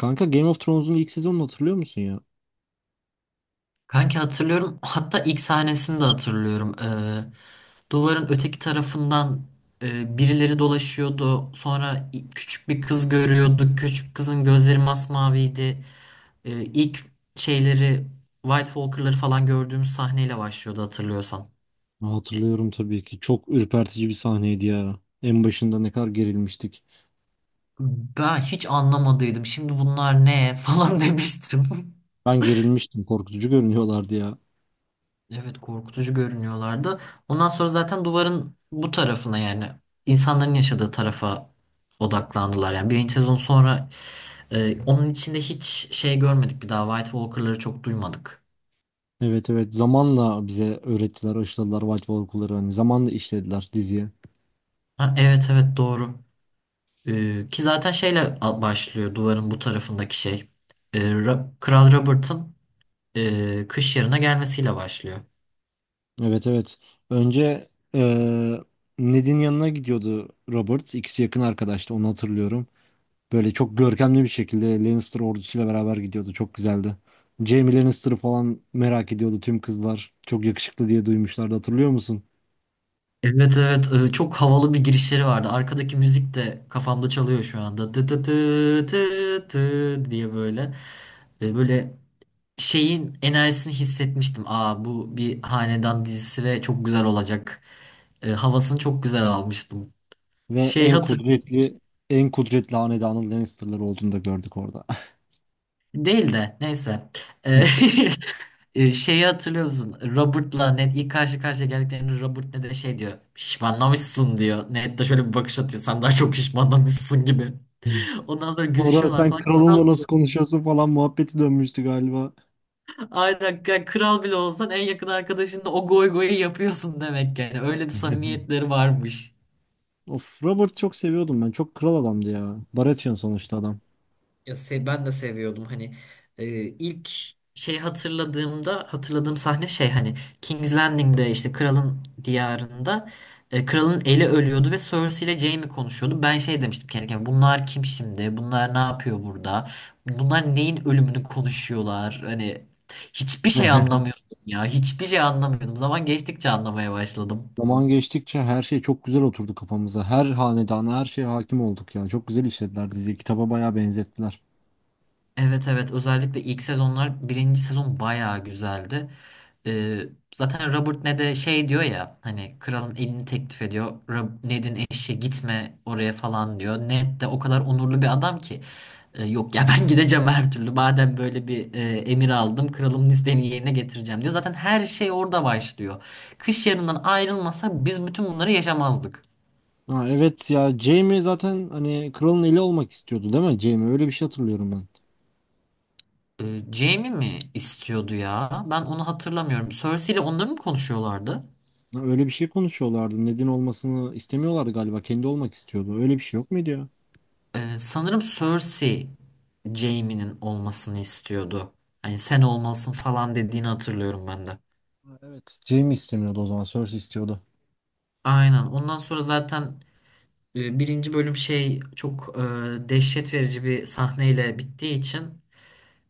Kanka Game of Thrones'un ilk sezonunu hatırlıyor musun ya? Kanki hatırlıyorum. Hatta ilk sahnesini de hatırlıyorum. Duvarın öteki tarafından birileri dolaşıyordu. Sonra küçük bir kız görüyorduk. Küçük kızın gözleri masmaviydi. İlk şeyleri White Walker'ları falan gördüğümüz sahneyle başlıyordu hatırlıyorsan. Hatırlıyorum tabii ki. Çok ürpertici bir sahneydi ya. En başında ne kadar gerilmiştik. Ben hiç anlamadıydım. Şimdi bunlar ne falan demiştim. Ben gerilmiştim. Korkutucu görünüyorlardı ya. Evet, korkutucu görünüyorlardı. Ondan sonra zaten duvarın bu tarafına, yani insanların yaşadığı tarafa odaklandılar. Yani birinci sezon sonra onun içinde hiç şey görmedik, bir daha White Walker'ları çok duymadık. Evet evet, zamanla bize öğrettiler, aşıladılar White Walker'ları. Hani zamanla işlediler diziye. Ha, evet evet, doğru. Ki zaten şeyle başlıyor duvarın bu tarafındaki şey. Kral Robert'ın Kış Yarı'na gelmesiyle başlıyor. Evet evet. Önce Ned'in yanına gidiyordu Robert. İkisi yakın arkadaştı, onu hatırlıyorum. Böyle çok görkemli bir şekilde Lannister ordusuyla beraber gidiyordu. Çok güzeldi. Jaime Lannister'ı falan merak ediyordu tüm kızlar. Çok yakışıklı diye duymuşlardı, hatırlıyor musun? Evet evet, çok havalı bir girişleri vardı. Arkadaki müzik de kafamda çalıyor şu anda. Tı tı tı tı tı diye böyle. Böyle şeyin enerjisini hissetmiştim. Aa, bu bir hanedan dizisi ve çok güzel olacak. Havasını çok güzel almıştım. Ve Şey en hatır kudretli en kudretli hanedanın Lannister'ları olduğunu da gördük orada. değil de neyse. E, şeyi hatırlıyor musun? Robert'la Ned ilk karşı karşıya geldiklerinde Robert Ned'e şey diyor. Şişmanlamışsın diyor. Ned de şöyle bir bakış atıyor. Sen daha çok şişmanlamışsın gibi. Ondan sonra Sonra gülüşüyorlar sen falan. kralınla Kral bile. nasıl konuşuyorsun falan muhabbeti dönmüştü galiba. Aynen, yani kral bile olsan en yakın arkadaşınla o goy goyu yapıyorsun demek yani. Öyle bir samimiyetleri varmış. Of, Robert çok seviyordum ben. Çok kral adamdı ya. Baratheon sonuçta adam. Ya ben de seviyordum hani, ilk şey hatırladığımda hatırladığım sahne şey hani King's Landing'de, işte kralın diyarında, kralın eli ölüyordu ve Cersei ile Jaime konuşuyordu. Ben şey demiştim kendi kendime, bunlar kim şimdi? Bunlar ne yapıyor burada? Bunlar neyin ölümünü konuşuyorlar? Hani hiçbir şey anlamıyordum ya. Hiçbir şey anlamıyordum. Zaman geçtikçe anlamaya başladım. Zaman geçtikçe her şey çok güzel oturdu kafamıza. Her hanedana, her şeye hakim olduk ya. Çok güzel işlediler diziyi. Kitaba bayağı benzettiler. Evet evet, özellikle ilk sezonlar, birinci sezon bayağı güzeldi. Ee, Zaten Robert ne de şey diyor ya, hani kralın elini teklif ediyor. Ned'in eşi gitme oraya falan diyor. Ned de o kadar onurlu bir adam ki, yok ya, ben gideceğim her türlü. Madem böyle bir emir aldım, kralımın isteğini yerine getireceğim" diyor. Zaten her şey orada başlıyor. Kış Yarı'ndan ayrılmasa biz bütün bunları yaşamazdık. Ha, evet ya, Jaime zaten hani kralın eli olmak istiyordu değil mi Jaime? Öyle bir şey hatırlıyorum ben. Jaime mi istiyordu ya? Ben onu hatırlamıyorum. Cersei ile onları mı konuşuyorlardı? Ha, öyle bir şey konuşuyorlardı. Ned'in olmasını istemiyorlardı galiba. Kendi olmak istiyordu. Öyle bir şey yok muydu ya? Sanırım Cersei, Jaime'nin olmasını istiyordu. Hani sen olmalısın falan dediğini hatırlıyorum ben de. Ha, evet. Jaime istemiyordu o zaman. Cersei istiyordu. Aynen. Ondan sonra zaten birinci bölüm şey çok dehşet verici bir sahneyle bittiği için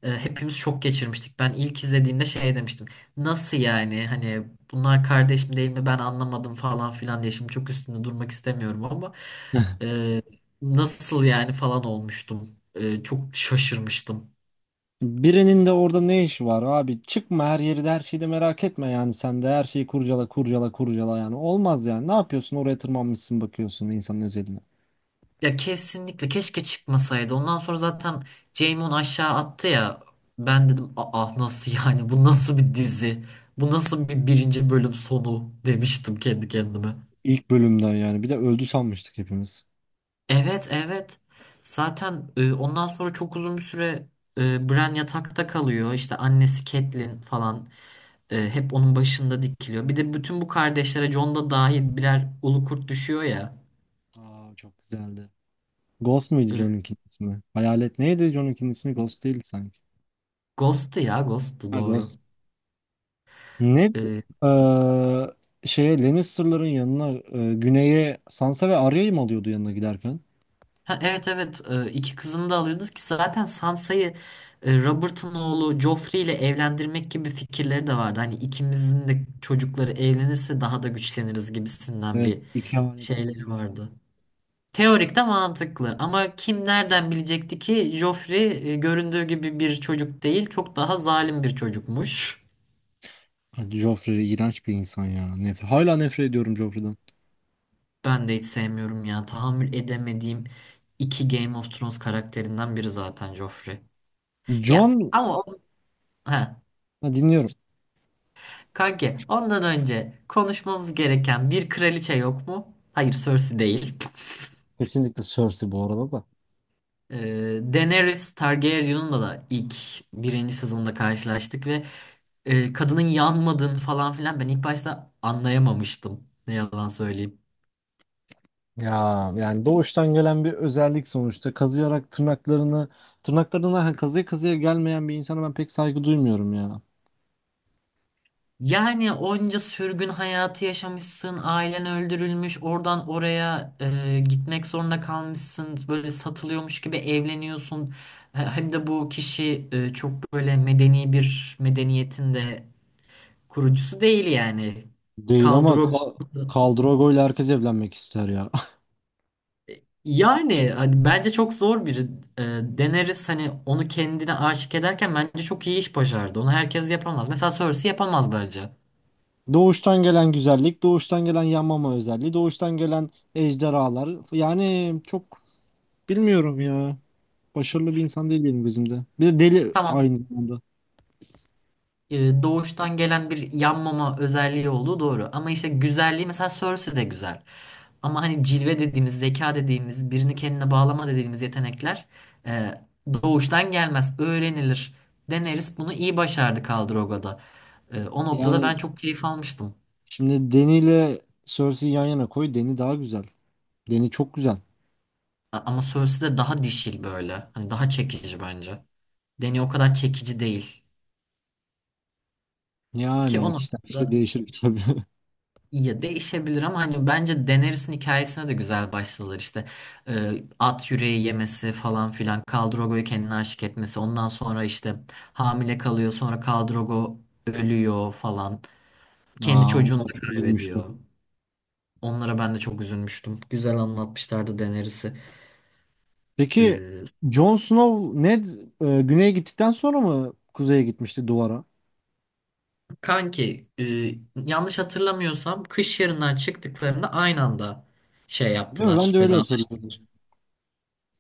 hepimiz şok geçirmiştik. Ben ilk izlediğimde şey demiştim. Nasıl yani? Hani bunlar kardeş mi değil mi? Ben anlamadım falan filan diye. Şimdi çok üstünde durmak istemiyorum ama e, nasıl yani falan olmuştum. Çok şaşırmıştım. Birinin de orada ne işi var abi? Çıkma, her yeri de her şeyi de merak etme yani, sen de her şeyi kurcala kurcala kurcala yani, olmaz yani. Ne yapıyorsun, oraya tırmanmışsın bakıyorsun insanın özeline. Ya kesinlikle keşke çıkmasaydı. Ondan sonra zaten Jaimon aşağı attı ya. Ben dedim, ah nasıl yani, bu nasıl bir dizi? Bu nasıl bir birinci bölüm sonu, demiştim kendi kendime. İlk bölümden yani, bir de öldü sanmıştık hepimiz. Evet evet. Zaten ondan sonra çok uzun bir süre Bran yatakta kalıyor. İşte annesi Catelyn falan hep onun başında dikiliyor. Bir de bütün bu kardeşlere Jon da dahil birer ulu kurt düşüyor ya. Aa, çok güzeldi. Ghost muydu E, John'unkinin ismi? Hayalet neydi John'unkinin ismi? Ghost değil sanki. Ghost'tu ya, Ghost'tu, Ha, Ghost. doğru. Ned E, eee, şeye, Lannister'ların yanına güneye Sansa ve Arya'yı mı alıyordu yanına giderken? Ha, evet evet. İki kızını da alıyordu, ki zaten Sansa'yı Robert'ın oğlu Joffrey ile evlendirmek gibi fikirleri de vardı. Hani ikimizin de çocukları evlenirse daha da güçleniriz gibisinden Evet, bir iki hanedanı şeyleri birleşti. vardı. Teorik de mantıklı ama kim nereden bilecekti ki Joffrey göründüğü gibi bir çocuk değil, çok daha zalim bir çocukmuş. Hadi, Joffrey iğrenç bir insan ya. Nef, Hala nefret ediyorum Joffrey'den. Ben de hiç sevmiyorum ya, tahammül edemediğim iki Game of Thrones karakterinden biri zaten Joffrey. Jon, Ya ama o... He. ha, dinliyorum. Kanki ondan önce konuşmamız gereken bir kraliçe yok mu? Hayır, Cersei değil. Kesinlikle Cersei bu arada da. Ee, Daenerys Targaryen'la da ilk birinci sezonda karşılaştık ve kadının yanmadığını falan filan ben ilk başta anlayamamıştım. Ne yalan söyleyeyim. Ya yani doğuştan gelen bir özellik sonuçta. Kazıyarak tırnaklarını, tırnaklarından kazıya kazıya gelmeyen bir insana ben pek saygı duymuyorum ya. Yani onca sürgün hayatı yaşamışsın, ailen öldürülmüş, oradan oraya gitmek zorunda kalmışsın, böyle satılıyormuş gibi evleniyorsun. Hem de bu kişi çok böyle medeni bir medeniyetin de kurucusu değil yani. Değil ama Kaldırog, Kaldrogo ile herkes evlenmek ister ya. yani hani bence çok zor bir deneriz, hani onu kendine aşık ederken bence çok iyi iş başardı. Onu herkes yapamaz. Mesela Cersei yapamaz bence. Doğuştan gelen güzellik, doğuştan gelen yanmama özelliği, doğuştan gelen ejderhalar. Yani çok bilmiyorum ya. Başarılı bir insan değil benim gözümde. Bir de deli Tamam, aynı zamanda. Doğuştan gelen bir yanmama özelliği olduğu doğru. Ama işte güzelliği, mesela Cersei de güzel. Ama hani cilve dediğimiz, zeka dediğimiz, birini kendine bağlama dediğimiz yetenekler e, doğuştan gelmez, öğrenilir. Daenerys bunu iyi başardı. Khal o noktada ben Yani çok keyif almıştım. şimdi Deni ile Cersei'yi yan yana koy. Deni daha güzel. Deni çok güzel. Ama Cersei de daha dişil böyle. Hani daha çekici bence. Dany o kadar çekici değil. Ki o Yani kişiden kişiye noktada, değişir tabii. ya değişebilir ama hani bence Daenerys'in hikayesine de güzel başladılar işte. At yüreği yemesi falan filan, Khal Drogo'yu kendine aşık etmesi, ondan sonra işte hamile kalıyor, sonra Khal Drogo ölüyor falan, kendi Aa, çocuğunu ondan da çok üzülmüştüm. kaybediyor. Onlara ben de çok üzülmüştüm, güzel anlatmışlardı Daenerys'i. Peki Ee, Jon Snow, Ned güneye gittikten sonra mı kuzeye gitmişti duvara? kanki yanlış hatırlamıyorsam Kış Yarı'ndan çıktıklarında aynı anda şey Değil mi? Ben yaptılar, de öyle vedalaştılar. hatırlıyorum.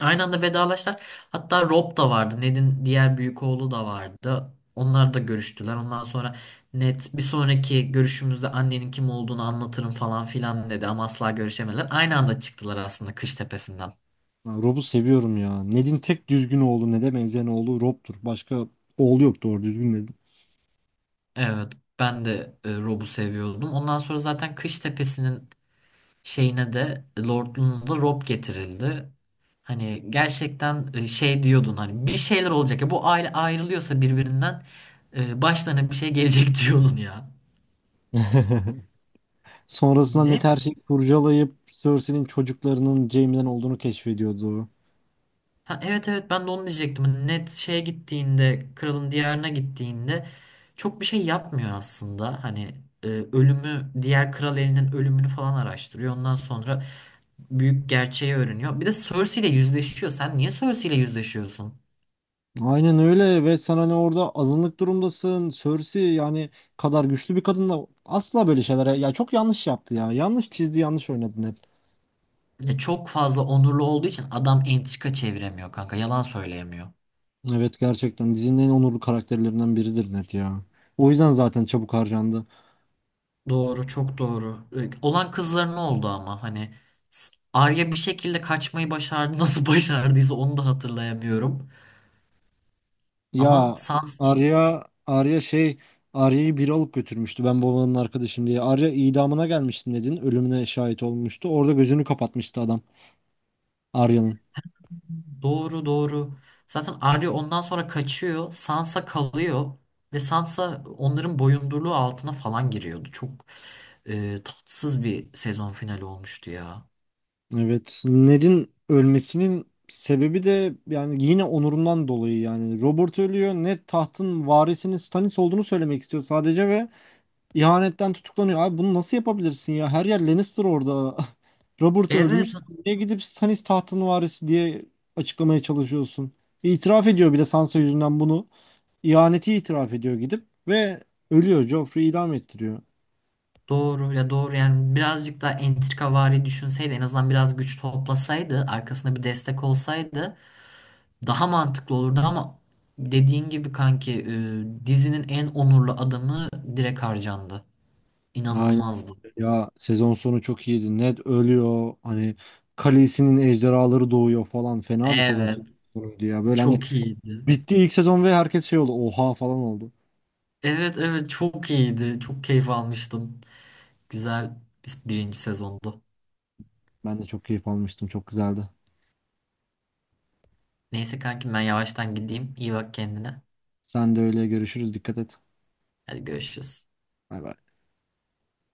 Aynı anda vedalaştılar. Hatta Rob da vardı. Ned'in diğer büyük oğlu da vardı. Onlar da görüştüler. Ondan sonra Ned, bir sonraki görüşümüzde annenin kim olduğunu anlatırım falan filan dedi ama asla görüşemediler. Aynı anda çıktılar aslında Kış Tepesi'nden. Ben Rob'u seviyorum ya. Ned'in tek düzgün oğlu, Ned'e benzeyen oğlu Rob'tur. Başka oğlu yok doğru düzgün Ned'in. Evet, ben de Rob'u seviyordum. Ondan sonra zaten Kış Tepesi'nin şeyine de, Lord'luğuna da Rob getirildi. Hani gerçekten şey diyordun hani, bir şeyler olacak ya bu aile ayrılıyorsa birbirinden, başlarına bir şey gelecek diyordun ya. Sonrasında Ned her Net. şeyi kurcalayıp Cersei'nin çocuklarının Jaime'den olduğunu keşfediyordu. Ha, evet evet, ben de onu diyecektim. Hani Net şeye gittiğinde, kralın diyarına gittiğinde çok bir şey yapmıyor aslında. Hani ölümü, diğer kral elinin ölümünü falan araştırıyor. Ondan sonra büyük gerçeği öğreniyor. Bir de Cersei ile yüzleşiyor. Sen niye Cersei ile yüzleşiyorsun? Aynen öyle, ve sen hani orada azınlık durumdasın. Cersei yani kadar güçlü bir kadınla asla böyle şeylere, ya çok yanlış yaptı ya. Yanlış çizdi, yanlış oynadı Ned. Ya çok fazla onurlu olduğu için adam entrika çeviremiyor kanka. Yalan söyleyemiyor. Evet, gerçekten dizinin en onurlu karakterlerinden biridir Ned ya. O yüzden zaten çabuk harcandı. Doğru, çok doğru. Olan kızların oldu ama hani Arya bir şekilde kaçmayı başardı. Nasıl başardıysa onu da hatırlayamıyorum. Ama Ya, Sansa, Arya şey, Arya'yı biri alıp götürmüştü ben babanın arkadaşım diye. Arya idamına gelmişti, Ned'in ölümüne şahit olmuştu. Orada gözünü kapatmıştı adam Arya'nın. doğru doğru. Zaten Arya ondan sonra kaçıyor. Sansa kalıyor ve Sansa onların boyundurluğu altına falan giriyordu. Çok tatsız bir sezon finali olmuştu ya. Evet, Ned'in ölmesinin sebebi de yani yine onurundan dolayı yani. Robert ölüyor, Ned tahtın varisinin Stannis olduğunu söylemek istiyor sadece ve İhanetten tutuklanıyor. Abi, bunu nasıl yapabilirsin ya? Her yer Lannister orada. Robert ölmüş. Evet, Sen niye gidip Stannis tahtın varisi diye açıklamaya çalışıyorsun? İtiraf ediyor bir de Sansa yüzünden bunu. İhaneti itiraf ediyor gidip ve ölüyor. Joffrey idam ettiriyor. doğru ya, doğru. Yani birazcık daha entrikavari düşünseydi, en azından biraz güç toplasaydı, arkasında bir destek olsaydı daha mantıklı olurdu ama dediğin gibi kanki, dizinin en onurlu adamı direkt harcandı. Aynen İnanılmazdı. ya, sezon sonu çok iyiydi. Ned ölüyor. Hani Khaleesi'nin ejderhaları doğuyor falan. Fena bir sezon Evet, sonuydu ya. Böyle hani çok iyiydi. bitti ilk sezon ve herkes şey oldu. Oha falan oldu. Evet evet, çok iyiydi. Çok keyif almıştım. Güzel bir birinci sezondu. Ben de çok keyif almıştım. Çok güzeldi. Neyse kankim, ben yavaştan gideyim. İyi bak kendine. Sen de öyle, görüşürüz. Dikkat et. Hadi görüşürüz. Bay bay.